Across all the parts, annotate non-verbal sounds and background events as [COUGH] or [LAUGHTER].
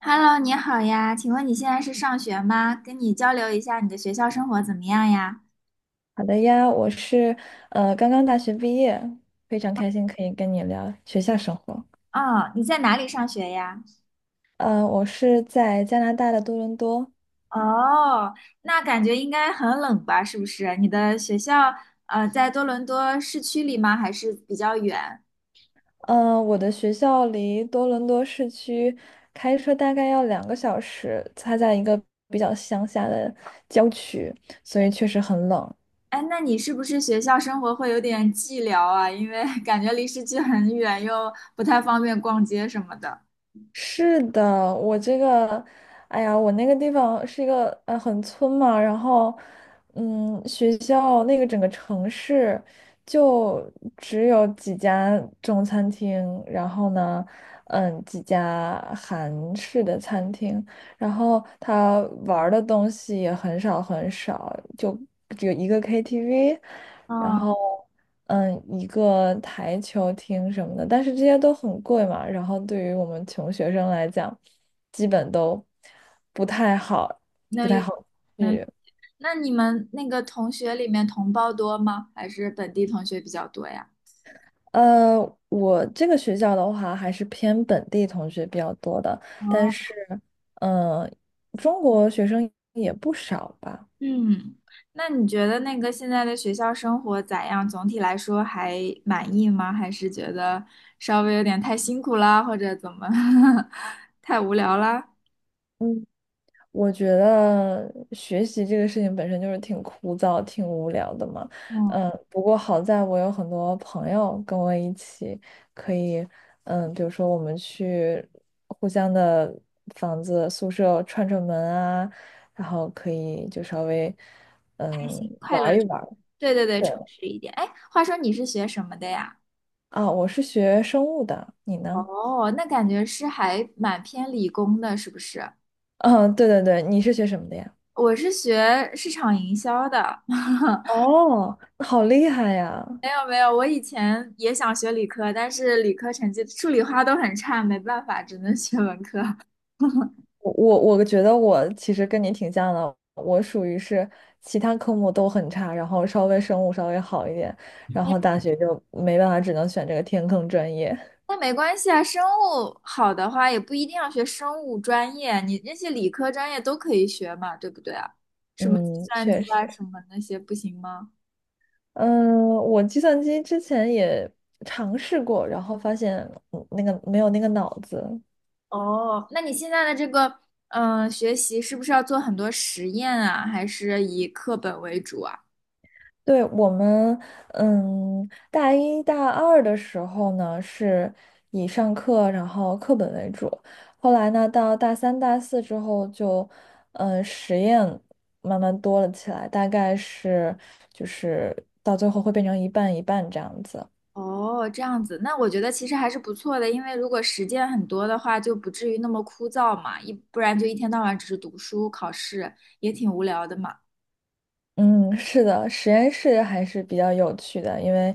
Hello，你好呀，请问你现在是上学吗？跟你交流一下你的学校生活怎么样呀？好的呀，我是刚刚大学毕业，非常开心可以跟你聊学校生活。哦，你在哪里上学呀？我是在加拿大的多伦多。哦，那感觉应该很冷吧？是不是？你的学校在多伦多市区里吗？还是比较远？我的学校离多伦多市区开车大概要两个小时，它在一个比较乡下的郊区，所以确实很冷。哎，那你是不是学校生活会有点寂寥啊？因为 [LAUGHS] 感觉离市区很远，又不太方便逛街什么的。是的，我这个，哎呀，我那个地方是一个很村嘛，然后，嗯，学校那个整个城市就只有几家中餐厅，然后呢，嗯，几家韩式的餐厅，然后他玩儿的东西也很少很少，就只有一个 KTV，然后哦，嗯，一个台球厅什么的，但是这些都很贵嘛，然后对于我们穷学生来讲，基本都不太好，不那太里，好那里，去。那你们那个同学里面同胞多吗？还是本地同学比较多呀？呃，我这个学校的话，还是偏本地同学比较多的，但哦，是嗯，中国学生也不少吧。嗯，那你觉得那个现在的学校生活咋样？总体来说还满意吗？还是觉得稍微有点太辛苦啦，或者怎么，[LAUGHS] 太无聊啦？嗯。我觉得学习这个事情本身就是挺枯燥、挺无聊的嘛。嗯，嗯，不过好在我有很多朋友跟我一起，可以，嗯，比如说我们去互相的房子、宿舍串串门啊，然后可以就稍微，开嗯，心快乐玩一着，玩。对对对，对，充实一点。哎，话说你是学什么的呀？啊，我是学生物的，你呢？哦，那感觉是还蛮偏理工的，是不是？[LAUGHS] 嗯，对对对，你是学什么的呀？我是学市场营销的。[LAUGHS] 哦，好厉害呀！没有没有，我以前也想学理科，但是理科成绩数理化都很差，没办法，只能学文科。我觉得我其实跟你挺像的，我属于是其他科目都很差，然后稍微生物稍微好一点，然后大学就没办法，只能选这个天坑专业。那没关系啊，生物好的话也不一定要学生物专业，你那些理科专业都可以学嘛，对不对啊？什么计嗯，算确机实，啊，什么那些不行吗？嗯，我计算机之前也尝试过，然后发现那个没有那个脑子。哦，那你现在的这个学习是不是要做很多实验啊，还是以课本为主啊？对，我们，嗯，大一大二的时候呢，是以上课然后课本为主，后来呢，到大三大四之后就，嗯，实验慢慢多了起来，大概是就是到最后会变成一半一半这样子。哦，这样子，那我觉得其实还是不错的，因为如果实践很多的话，就不至于那么枯燥嘛，一不然就一天到晚只是读书考试，也挺无聊的嘛。嗯，是的，实验室还是比较有趣的，因为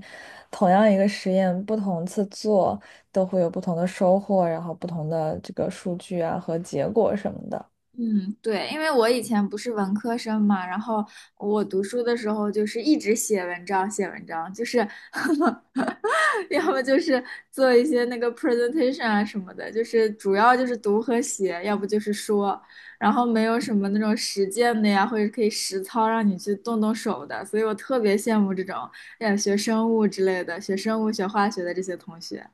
同样一个实验，不同次做都会有不同的收获，然后不同的这个数据啊和结果什么的。嗯，对，因为我以前不是文科生嘛，然后我读书的时候就是一直写文章，写文章，就是 [LAUGHS] 要么就是做一些那个 presentation 啊什么的，就是主要就是读和写，要不就是说，然后没有什么那种实践的呀，或者可以实操让你去动动手的，所以我特别羡慕这种，哎，学生物之类的，学生物、学化学的这些同学。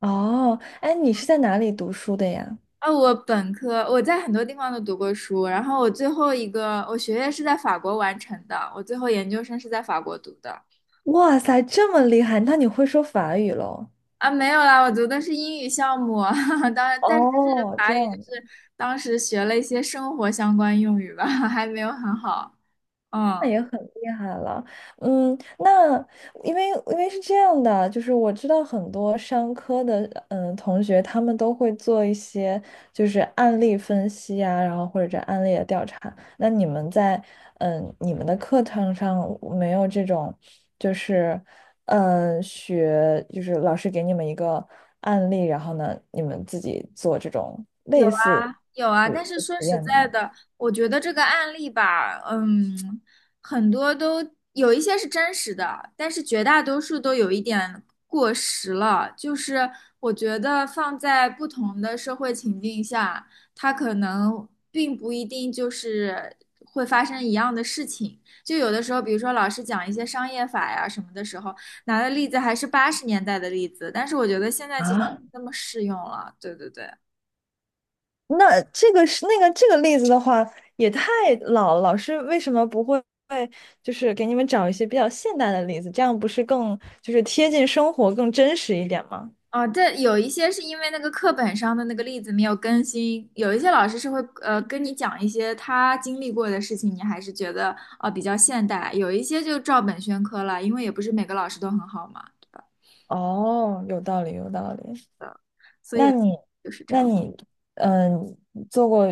哦，哎，你是在哪里读书的呀？啊，我本科我在很多地方都读过书，然后我最后一个我学业是在法国完成的，我最后研究生是在法国读的。哇塞，这么厉害，那你会说法语喽？啊，没有啦，我读的是英语项目，[LAUGHS] 当然，但是就是哦，这法语样就是当时学了一些生活相关用语吧，[LAUGHS] 还没有很好。那嗯，也很厉害了。嗯，那因为是这样的，就是我知道很多商科的嗯同学，他们都会做一些就是案例分析啊，然后或者这案例的调查。那你们在嗯你们的课堂上没有这种，就是嗯学就是老师给你们一个案例，然后呢你们自己做这种类似有啊，是但是说实实验的在吗？的，我觉得这个案例吧，嗯，很多都有一些是真实的，但是绝大多数都有一点过时了。就是我觉得放在不同的社会情境下，它可能并不一定就是会发生一样的事情。就有的时候，比如说老师讲一些商业法呀什么的时候，拿的例子还是八十年代的例子，但是我觉得现在其实不那么适用了。对对对。那这个是那个这个例子的话，也太老了，老师为什么不会就是给你们找一些比较现代的例子？这样不是更就是贴近生活、更真实一点吗？哦，这有一些是因为那个课本上的那个例子没有更新，有一些老师是会跟你讲一些他经历过的事情，你还是觉得比较现代，有一些就照本宣科了，因为也不是每个老师都很好嘛，对吧？哦，有道理，有道理。那你，就是这那样。你，嗯，做过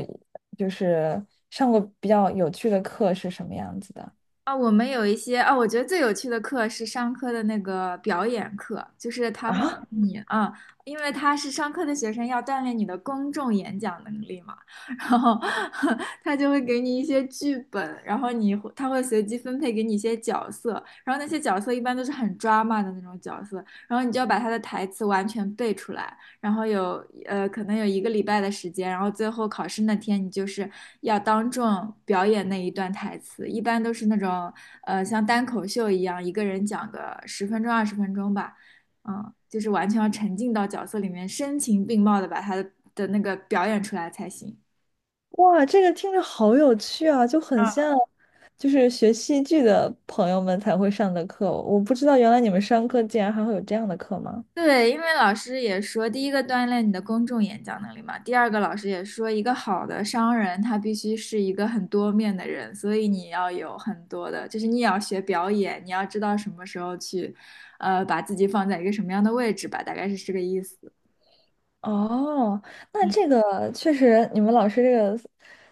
就是上过比较有趣的课是什么样子的啊，我们有一些啊，我觉得最有趣的课是商科的那个表演课，就是他会啊？让你啊，因为他是商科的学生，要锻炼你的公众演讲能力嘛，然后 [LAUGHS] 他就会给你一些剧本，然后你会他会随机分配给你一些角色，然后那些角色一般都是很 drama 的那种角色，然后你就要把他的台词完全背出来，然后可能有一个礼拜的时间，然后最后考试那天，你就是要当众表演那一段台词，一般都是那种像单口秀一样，一个人讲个十分钟二十分钟吧，嗯，就是完全要沉浸到角色里面，声情并茂的把他的那个表演出来才行。哇，这个听着好有趣啊，就很嗯。像，就是学戏剧的朋友们才会上的课。我不知道原来你们上课竟然还会有这样的课吗？对，因为老师也说，第一个锻炼你的公众演讲能力嘛，第二个老师也说，一个好的商人他必须是一个很多面的人，所以你要有很多的，就是你也要学表演，你要知道什么时候去，呃，把自己放在一个什么样的位置吧，大概是这个意思。哦，那嗯，这个确实，你们老师这个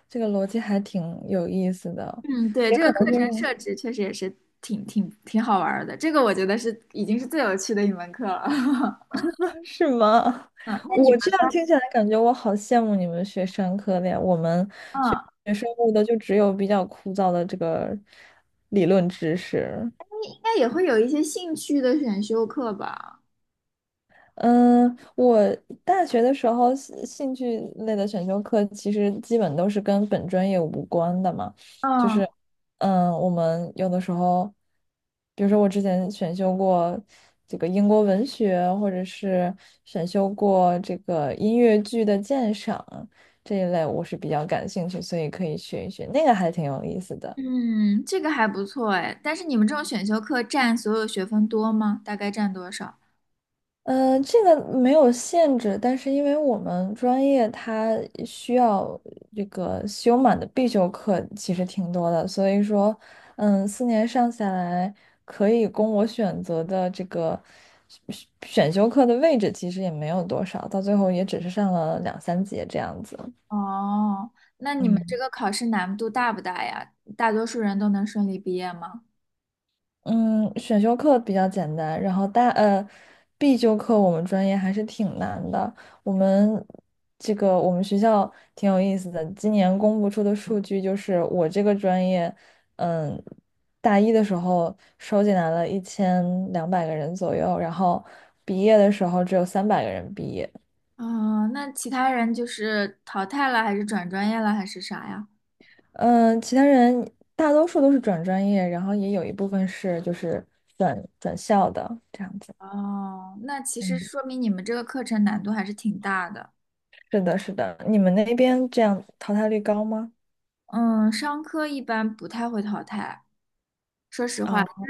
逻辑还挺有意思的，嗯，对，这个可课能是程因为 设置确实也是挺好玩儿的，这个我觉得是已经是最有趣的一门课了。[LAUGHS] [LAUGHS] 是吗？嗯，那你我们这样听起来感觉我好羡慕你们学商科的呀，我们嗯，学生物的就只有比较枯燥的这个理论知识。应该也会有一些兴趣的选修课吧？嗯，我大学的时候兴趣类的选修课其实基本都是跟本专业无关的嘛，就嗯。是，嗯，我们有的时候，比如说我之前选修过这个英国文学，或者是选修过这个音乐剧的鉴赏这一类，我是比较感兴趣，所以可以学一学，那个还挺有意思的。嗯，这个还不错哎，但是你们这种选修课占所有学分多吗？大概占多少？呃，这个没有限制，但是因为我们专业它需要这个修满的必修课其实挺多的，所以说，嗯，四年上下来，可以供我选择的这个选修课的位置其实也没有多少，到最后也只是上了两三节这样子。哦，那你们这嗯。个考试难度大不大呀？大多数人都能顺利毕业吗？嗯，选修课比较简单，然后必修课我们专业还是挺难的。我们我们学校挺有意思的，今年公布出的数据就是我这个专业，嗯，大一的时候收进来了一千两百个人左右，然后毕业的时候只有三百个人毕业。哦，那其他人就是淘汰了，还是转专业了，还是啥呀？嗯，其他人大多数都是转专业，然后也有一部分是就是转校的这样子。哦，那其实嗯。说明你们这个课程难度还是挺大的。是的，是的，你们那边这样淘汰率高吗？嗯，商科一般不太会淘汰。啊、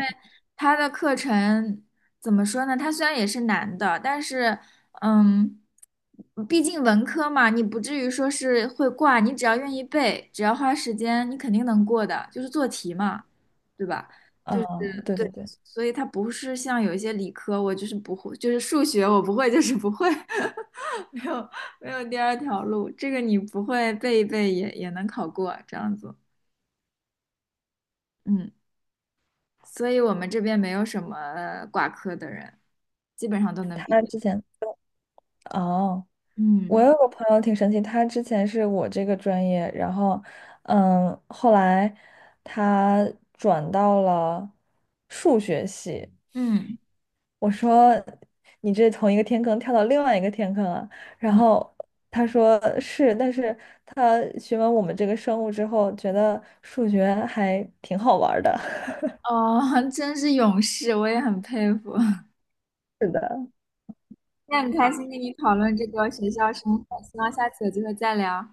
他的课程怎么说呢？他虽然也是难的，但是，嗯，毕竟文科嘛，你不至于说是会挂，你只要愿意背，只要花时间，你肯定能过的，就是做题嘛，对吧？就啊、是对对，对对，所以它不是像有一些理科，我就是不会，就是数学我不会，就是不会，[LAUGHS] 没有没有第二条路，这个你不会背一背也能考过，这样子，嗯。所以我们这边没有什么挂科的人，基本上都能毕他业。之前哦，我嗯有个朋友挺神奇，他之前是我这个专业，然后嗯，后来他转到了数学系。嗯，我说你这从一个天坑跳到另外一个天坑啊，然你后他说是，但是他学完我们这个生物之后，觉得数学还挺好玩儿的。[LAUGHS] 哦，[LAUGHS] 真是勇士，我也很佩服。[LAUGHS] 是的。那很开心跟你讨论这个学校生活，希望下次有机会再聊，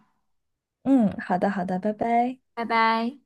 嗯，好的，好的，拜拜。拜拜。